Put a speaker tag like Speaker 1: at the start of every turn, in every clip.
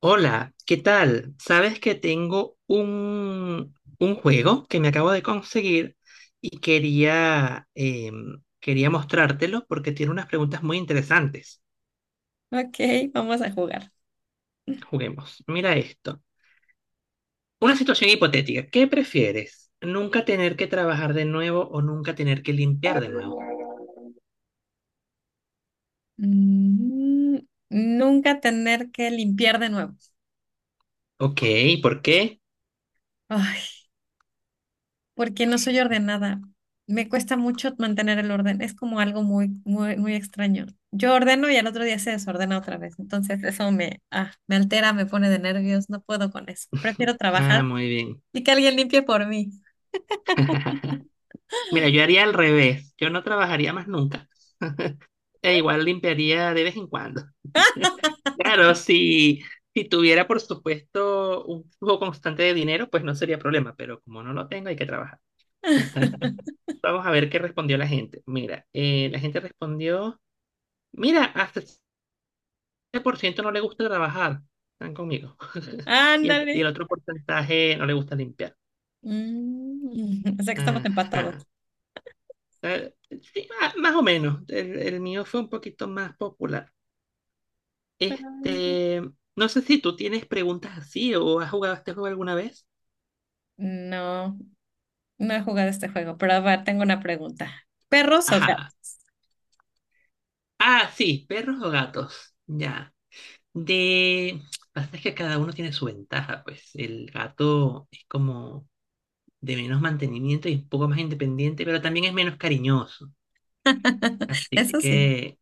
Speaker 1: Hola, ¿qué tal? Sabes que tengo un juego que me acabo de conseguir y quería, quería mostrártelo porque tiene unas preguntas muy interesantes.
Speaker 2: Ok, vamos a jugar.
Speaker 1: Juguemos. Mira esto. Una situación hipotética. ¿Qué prefieres? ¿Nunca tener que trabajar de nuevo o nunca tener que limpiar de nuevo?
Speaker 2: Mm, Nunca tener que limpiar de nuevo.
Speaker 1: Ok, ¿por qué?
Speaker 2: Ay, porque no soy ordenada. Me cuesta mucho mantener el orden. Es como algo muy, muy, muy extraño. Yo ordeno y al otro día se desordena otra vez. Entonces eso me altera, me pone de nervios. No puedo con eso. Prefiero
Speaker 1: Ah,
Speaker 2: trabajar
Speaker 1: muy bien.
Speaker 2: y que alguien limpie por mí.
Speaker 1: Mira, yo haría al revés. Yo no trabajaría más nunca. E igual limpiaría de vez en cuando. Claro, si tuviera, por supuesto, un flujo constante de dinero, pues no sería problema, pero como no lo tengo, hay que trabajar. Vamos a ver qué respondió la gente. Mira, la gente respondió, mira, hasta el 7% no le gusta trabajar, están conmigo. Y el,
Speaker 2: Ándale.
Speaker 1: y el otro porcentaje no le gusta limpiar.
Speaker 2: O sea que estamos empatados.
Speaker 1: Ajá. Eh, sí, más, o menos. El mío fue un poquito más popular. Este, no sé si tú tienes preguntas así o has jugado este juego alguna vez.
Speaker 2: Mm, no. No he jugado este juego, pero a ver, tengo una pregunta. ¿Perros o gatos?
Speaker 1: Ajá. Ah, sí, perros o gatos. Ya. De. Pasa es que cada uno tiene su ventaja, pues. El gato es como de menos mantenimiento y un poco más independiente, pero también es menos cariñoso. Así
Speaker 2: Eso sí,
Speaker 1: que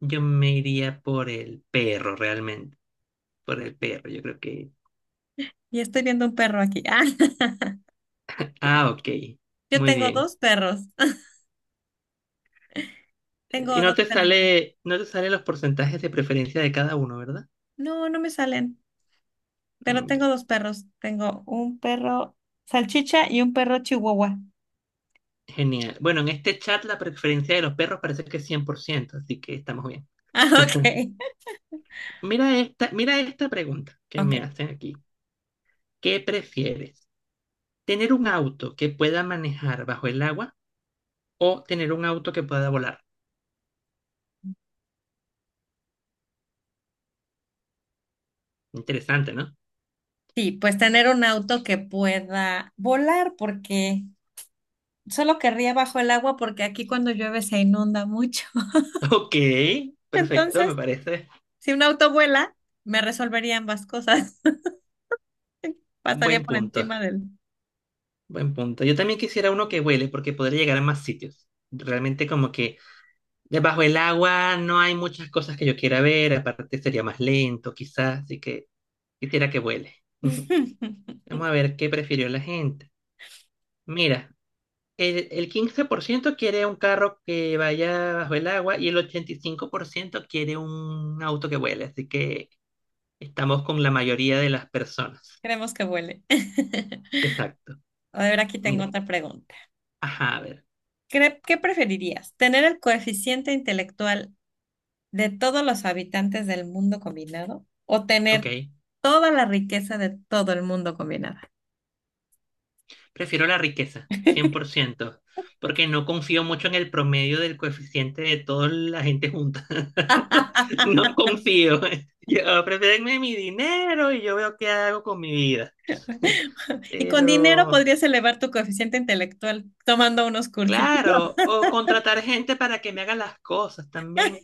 Speaker 1: yo me iría por el perro, realmente. Por el perro, yo creo que.
Speaker 2: y estoy viendo un perro aquí. Ah,
Speaker 1: Ah, ok.
Speaker 2: yo
Speaker 1: Muy
Speaker 2: tengo
Speaker 1: bien.
Speaker 2: dos perros.
Speaker 1: Y
Speaker 2: Tengo
Speaker 1: no
Speaker 2: dos
Speaker 1: te
Speaker 2: perritas.
Speaker 1: sale, no te salen los porcentajes de preferencia de cada uno, ¿verdad?
Speaker 2: No, no me salen, pero
Speaker 1: Mm,
Speaker 2: tengo
Speaker 1: ya.
Speaker 2: dos perros. Tengo un perro salchicha y un perro chihuahua.
Speaker 1: Genial. Bueno, en este chat la preferencia de los perros parece que es 100%, así que estamos bien.
Speaker 2: Ah, ok.
Speaker 1: Mira esta pregunta que me
Speaker 2: Ok.
Speaker 1: hacen aquí. ¿Qué prefieres? ¿Tener un auto que pueda manejar bajo el agua o tener un auto que pueda volar? Interesante, ¿no?
Speaker 2: Sí, pues tener un auto que pueda volar porque solo querría bajo el agua porque aquí cuando llueve se inunda mucho.
Speaker 1: Ok, perfecto, me
Speaker 2: Entonces,
Speaker 1: parece.
Speaker 2: si un auto vuela, me resolvería ambas cosas. Pasaría
Speaker 1: Buen
Speaker 2: por
Speaker 1: punto,
Speaker 2: encima de él.
Speaker 1: buen punto. Yo también quisiera uno que vuele porque podría llegar a más sitios. Realmente como que debajo el agua no hay muchas cosas que yo quiera ver, aparte sería más lento quizás, así que quisiera que vuele. Vamos a ver qué prefirió la gente. Mira. El 15% quiere un carro que vaya bajo el agua y el 85% quiere un auto que vuele. Así que estamos con la mayoría de las personas.
Speaker 2: Queremos que vuele.
Speaker 1: Exacto.
Speaker 2: A ver, aquí tengo
Speaker 1: Mira.
Speaker 2: otra pregunta.
Speaker 1: Ajá, a ver.
Speaker 2: ¿Qué preferirías? ¿Tener el coeficiente intelectual de todos los habitantes del mundo combinado o
Speaker 1: Ok.
Speaker 2: tener toda la riqueza de todo el mundo combinada?
Speaker 1: Prefiero la riqueza, 100% porque no confío mucho en el promedio del coeficiente de toda la gente junta. No confío. Yo prefiero mi dinero y yo veo qué hago con mi vida.
Speaker 2: Y con dinero
Speaker 1: Pero
Speaker 2: podrías elevar tu coeficiente intelectual tomando unos cursitos.
Speaker 1: Claro, o contratar gente para que me haga las cosas también.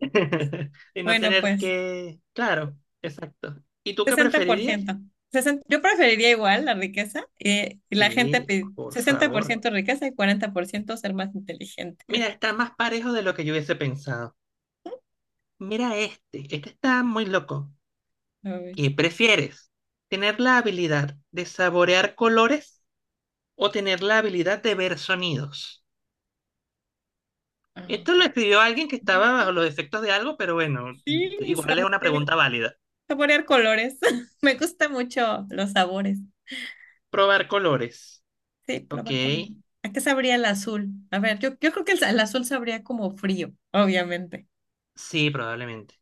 Speaker 1: Y no
Speaker 2: Bueno,
Speaker 1: tener
Speaker 2: pues,
Speaker 1: que... Claro, exacto. ¿Y tú qué
Speaker 2: sesenta por
Speaker 1: preferirías?
Speaker 2: ciento, 60. Yo preferiría igual la riqueza, y la gente
Speaker 1: Sí, por
Speaker 2: sesenta por
Speaker 1: favor.
Speaker 2: ciento riqueza y 40% ser más inteligente.
Speaker 1: Mira, está más parejo de lo que yo hubiese pensado. Mira este, este está muy loco.
Speaker 2: A ver.
Speaker 1: ¿Qué prefieres? ¿Tener la habilidad de saborear colores o tener la habilidad de ver sonidos? Esto lo
Speaker 2: Ah,
Speaker 1: escribió alguien que estaba bajo los efectos de algo, pero bueno,
Speaker 2: sí,
Speaker 1: igual es una
Speaker 2: saborear,
Speaker 1: pregunta válida.
Speaker 2: saborear colores. Me gusta mucho los sabores.
Speaker 1: Probar colores.
Speaker 2: Sí,
Speaker 1: Ok,
Speaker 2: probar con, ¿a qué sabría el azul? A ver, yo creo que el azul sabría como frío, obviamente.
Speaker 1: sí, probablemente.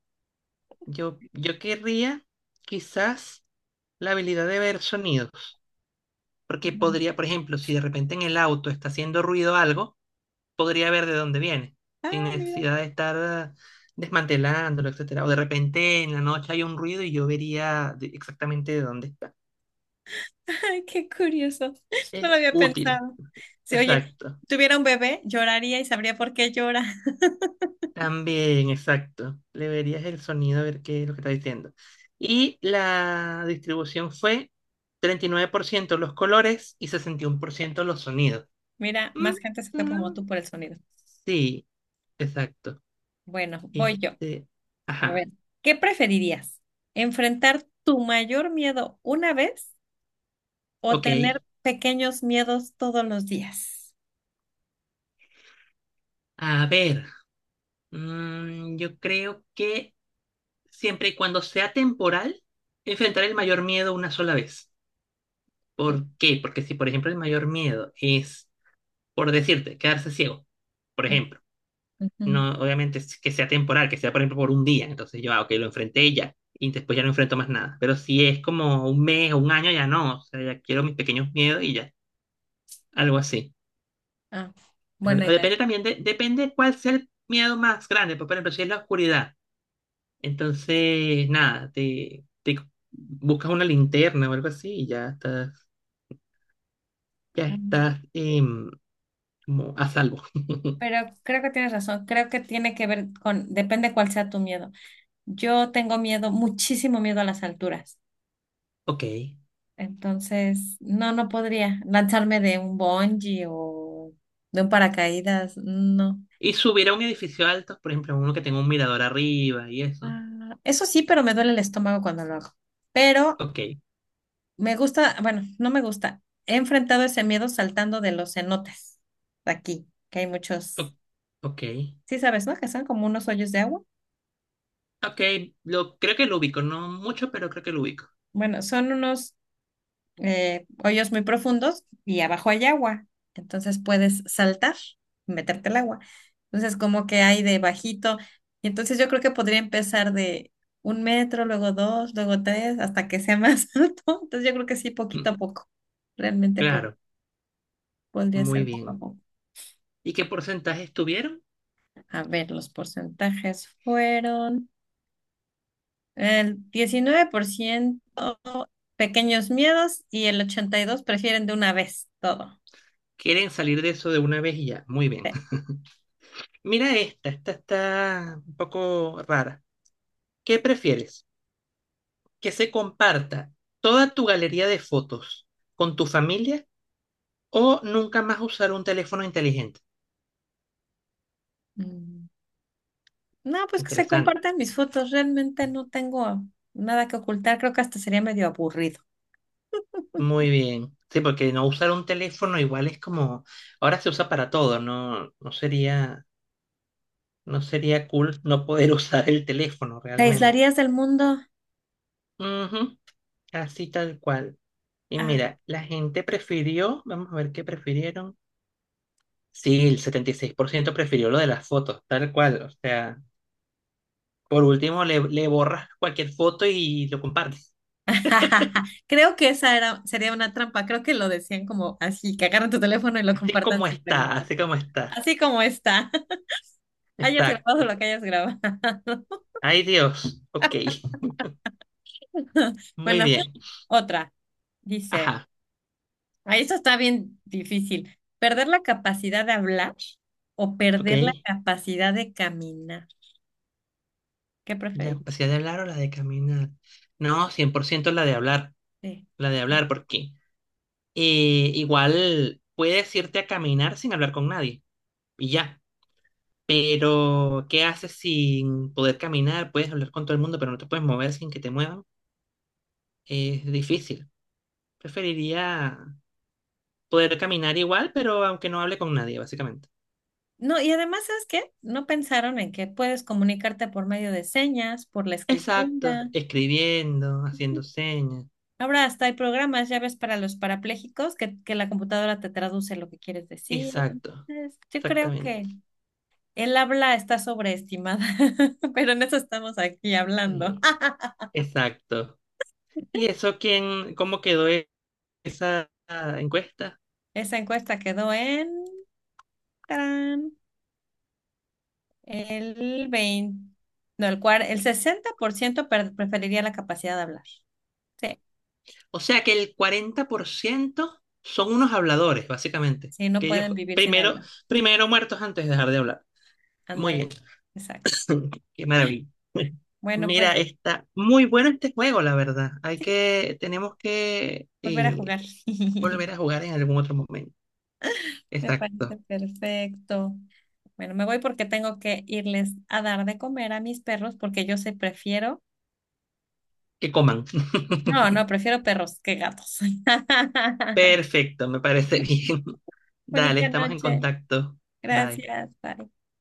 Speaker 1: Yo querría quizás la habilidad de ver sonidos, porque podría, por ejemplo, si de repente en el auto está haciendo ruido algo, podría ver de dónde viene, sin
Speaker 2: Ah, mira,
Speaker 1: necesidad de estar desmantelándolo, etcétera. O de repente en la noche hay un ruido y yo vería exactamente de dónde está.
Speaker 2: ay, qué curioso. No lo
Speaker 1: Es
Speaker 2: había
Speaker 1: útil,
Speaker 2: pensado. Si, oye,
Speaker 1: exacto.
Speaker 2: tuviera un bebé, lloraría y sabría por qué llora.
Speaker 1: También, exacto. Le verías el sonido a ver qué es lo que está diciendo. Y la distribución fue 39% los colores y 61% los sonidos.
Speaker 2: Mira, más gente se
Speaker 1: Mm,
Speaker 2: fue como
Speaker 1: mm,
Speaker 2: tú por el sonido.
Speaker 1: sí, exacto.
Speaker 2: Bueno, voy yo.
Speaker 1: Este,
Speaker 2: A
Speaker 1: ajá,
Speaker 2: ver, ¿qué preferirías? ¿Enfrentar tu mayor miedo una vez o
Speaker 1: ok.
Speaker 2: tener pequeños miedos todos los días?
Speaker 1: A ver, yo creo que siempre y cuando sea temporal, enfrentar el mayor miedo una sola vez. ¿Por qué? Porque si, por ejemplo, el mayor miedo es, por decirte, quedarse ciego, por ejemplo
Speaker 2: Ujú.
Speaker 1: no, obviamente es que sea temporal, que sea por ejemplo por un día. Entonces yo, ok, lo enfrenté y ya. Y después ya no enfrento más nada. Pero si es como un mes o un año, ya no. O sea, ya quiero mis pequeños miedos y ya. Algo así.
Speaker 2: Ah,
Speaker 1: O
Speaker 2: buena
Speaker 1: o
Speaker 2: idea.
Speaker 1: depende también, de, depende cuál sea el miedo más grande. Pues, por ejemplo, si es la oscuridad. Entonces, nada, te buscas una linterna o algo así y ya
Speaker 2: Mm.
Speaker 1: estás como a salvo.
Speaker 2: Pero creo que tienes razón. Creo que tiene que ver con, depende cuál sea tu miedo. Yo tengo miedo, muchísimo miedo a las alturas.
Speaker 1: Ok.
Speaker 2: Entonces, no, no podría lanzarme de un bungee o de un paracaídas. No.
Speaker 1: Y subir a un edificio alto, por ejemplo, uno que tenga un mirador arriba y eso.
Speaker 2: Ah, eso sí, pero me duele el estómago cuando lo hago. Pero
Speaker 1: Ok.
Speaker 2: me gusta, bueno, no me gusta. He enfrentado ese miedo saltando de los cenotes de aquí, que hay muchos,
Speaker 1: O- ok.
Speaker 2: sí sabes, ¿no? Que son como unos hoyos de agua.
Speaker 1: Ok, lo, creo que lo ubico, no mucho, pero creo que lo ubico.
Speaker 2: Bueno, son unos hoyos muy profundos y abajo hay agua. Entonces puedes saltar y meterte al agua. Entonces, como que hay de bajito. Y entonces yo creo que podría empezar de 1 metro, luego dos, luego tres, hasta que sea más alto. Entonces yo creo que sí, poquito
Speaker 1: Mm,
Speaker 2: a poco. Realmente
Speaker 1: Claro,
Speaker 2: podría
Speaker 1: muy
Speaker 2: ser poco a
Speaker 1: bien.
Speaker 2: poco.
Speaker 1: ¿Y qué porcentaje tuvieron?
Speaker 2: A ver, los porcentajes fueron el 19% pequeños miedos y el 82% prefieren de una vez todo.
Speaker 1: Quieren salir de eso de una vez y ya. Muy bien.
Speaker 2: Sí.
Speaker 1: Mira esta, esta está un poco rara. ¿Qué prefieres? ¿Que se comparta toda tu galería de fotos con tu familia o nunca más usar un teléfono inteligente?
Speaker 2: Mm. No, pues que se
Speaker 1: Interesante.
Speaker 2: compartan mis fotos. Realmente no tengo nada que ocultar. Creo que hasta sería medio aburrido.
Speaker 1: Muy bien. Sí, porque no usar un teléfono igual es como, ahora se usa para todo, no, no sería No sería cool no poder usar el teléfono
Speaker 2: ¿Te
Speaker 1: realmente.
Speaker 2: aislarías del mundo?
Speaker 1: Ujú, así tal cual. Y
Speaker 2: Ah.
Speaker 1: mira, la gente prefirió, vamos a ver qué prefirieron. Sí, el 76% prefirió lo de las fotos, tal cual. O sea, por último le borras cualquier foto y lo compartes.
Speaker 2: Creo que esa era, sería una trampa. Creo que lo decían como así, que agarran tu teléfono y lo
Speaker 1: Así
Speaker 2: compartan
Speaker 1: como
Speaker 2: sin
Speaker 1: está,
Speaker 2: preguntar.
Speaker 1: así como está.
Speaker 2: Así como está. Hayas grabado
Speaker 1: Exacto.
Speaker 2: lo que hayas grabado.
Speaker 1: Ay Dios, ok, muy
Speaker 2: Bueno,
Speaker 1: bien.
Speaker 2: otra. Dice,
Speaker 1: Ajá,
Speaker 2: ah, eso está bien difícil. ¿Perder la capacidad de hablar o
Speaker 1: ok.
Speaker 2: perder la capacidad de caminar? ¿Qué
Speaker 1: ¿La
Speaker 2: preferirías?
Speaker 1: capacidad de hablar o la de caminar? No, 100%
Speaker 2: Sí.
Speaker 1: la de hablar, porque igual puedes irte a caminar sin hablar con nadie y ya. Pero, ¿qué haces sin poder caminar? Puedes hablar con todo el mundo, pero no te puedes mover sin que te muevan. Es difícil. Preferiría poder caminar igual, pero aunque no hable con nadie, básicamente.
Speaker 2: No, y además, ¿sabes qué? No pensaron en que puedes comunicarte por medio de señas, por la
Speaker 1: Exacto.
Speaker 2: escritura.
Speaker 1: Escribiendo, haciendo
Speaker 2: Ujú.
Speaker 1: señas.
Speaker 2: Ahora hasta hay programas, ya ves, para los parapléjicos que la computadora te traduce lo que quieres decir.
Speaker 1: Exacto.
Speaker 2: Entonces, yo creo
Speaker 1: Exactamente.
Speaker 2: que el habla está sobreestimada, pero en eso estamos aquí hablando.
Speaker 1: Sí, Exacto. ¿Y eso quién, cómo quedó esa encuesta?
Speaker 2: Esa encuesta quedó en tarán, el 20, no, el 60% preferiría la capacidad de hablar. Sí,
Speaker 1: O sea que el 40% son unos habladores, básicamente.
Speaker 2: sí, no
Speaker 1: Que ellos
Speaker 2: pueden vivir sin
Speaker 1: primero,
Speaker 2: hablar.
Speaker 1: primero muertos antes de dejar de hablar. Muy bien.
Speaker 2: Ándale, exacto.
Speaker 1: Qué maravilla.
Speaker 2: Bueno, pues
Speaker 1: Mira, está muy bueno este juego, la verdad. Hay
Speaker 2: sí,
Speaker 1: que, tenemos que
Speaker 2: volver a jugar.
Speaker 1: volver a jugar en algún otro momento.
Speaker 2: Me parece
Speaker 1: Exacto.
Speaker 2: perfecto. Bueno, me voy porque tengo que irles a dar de comer a mis perros porque yo sé prefiero.
Speaker 1: Que coman.
Speaker 2: No, no, prefiero perros que gatos.
Speaker 1: Perfecto, me parece bien. Dale,
Speaker 2: Bonita
Speaker 1: estamos en
Speaker 2: noche.
Speaker 1: contacto. Bye.
Speaker 2: Gracias. Bye.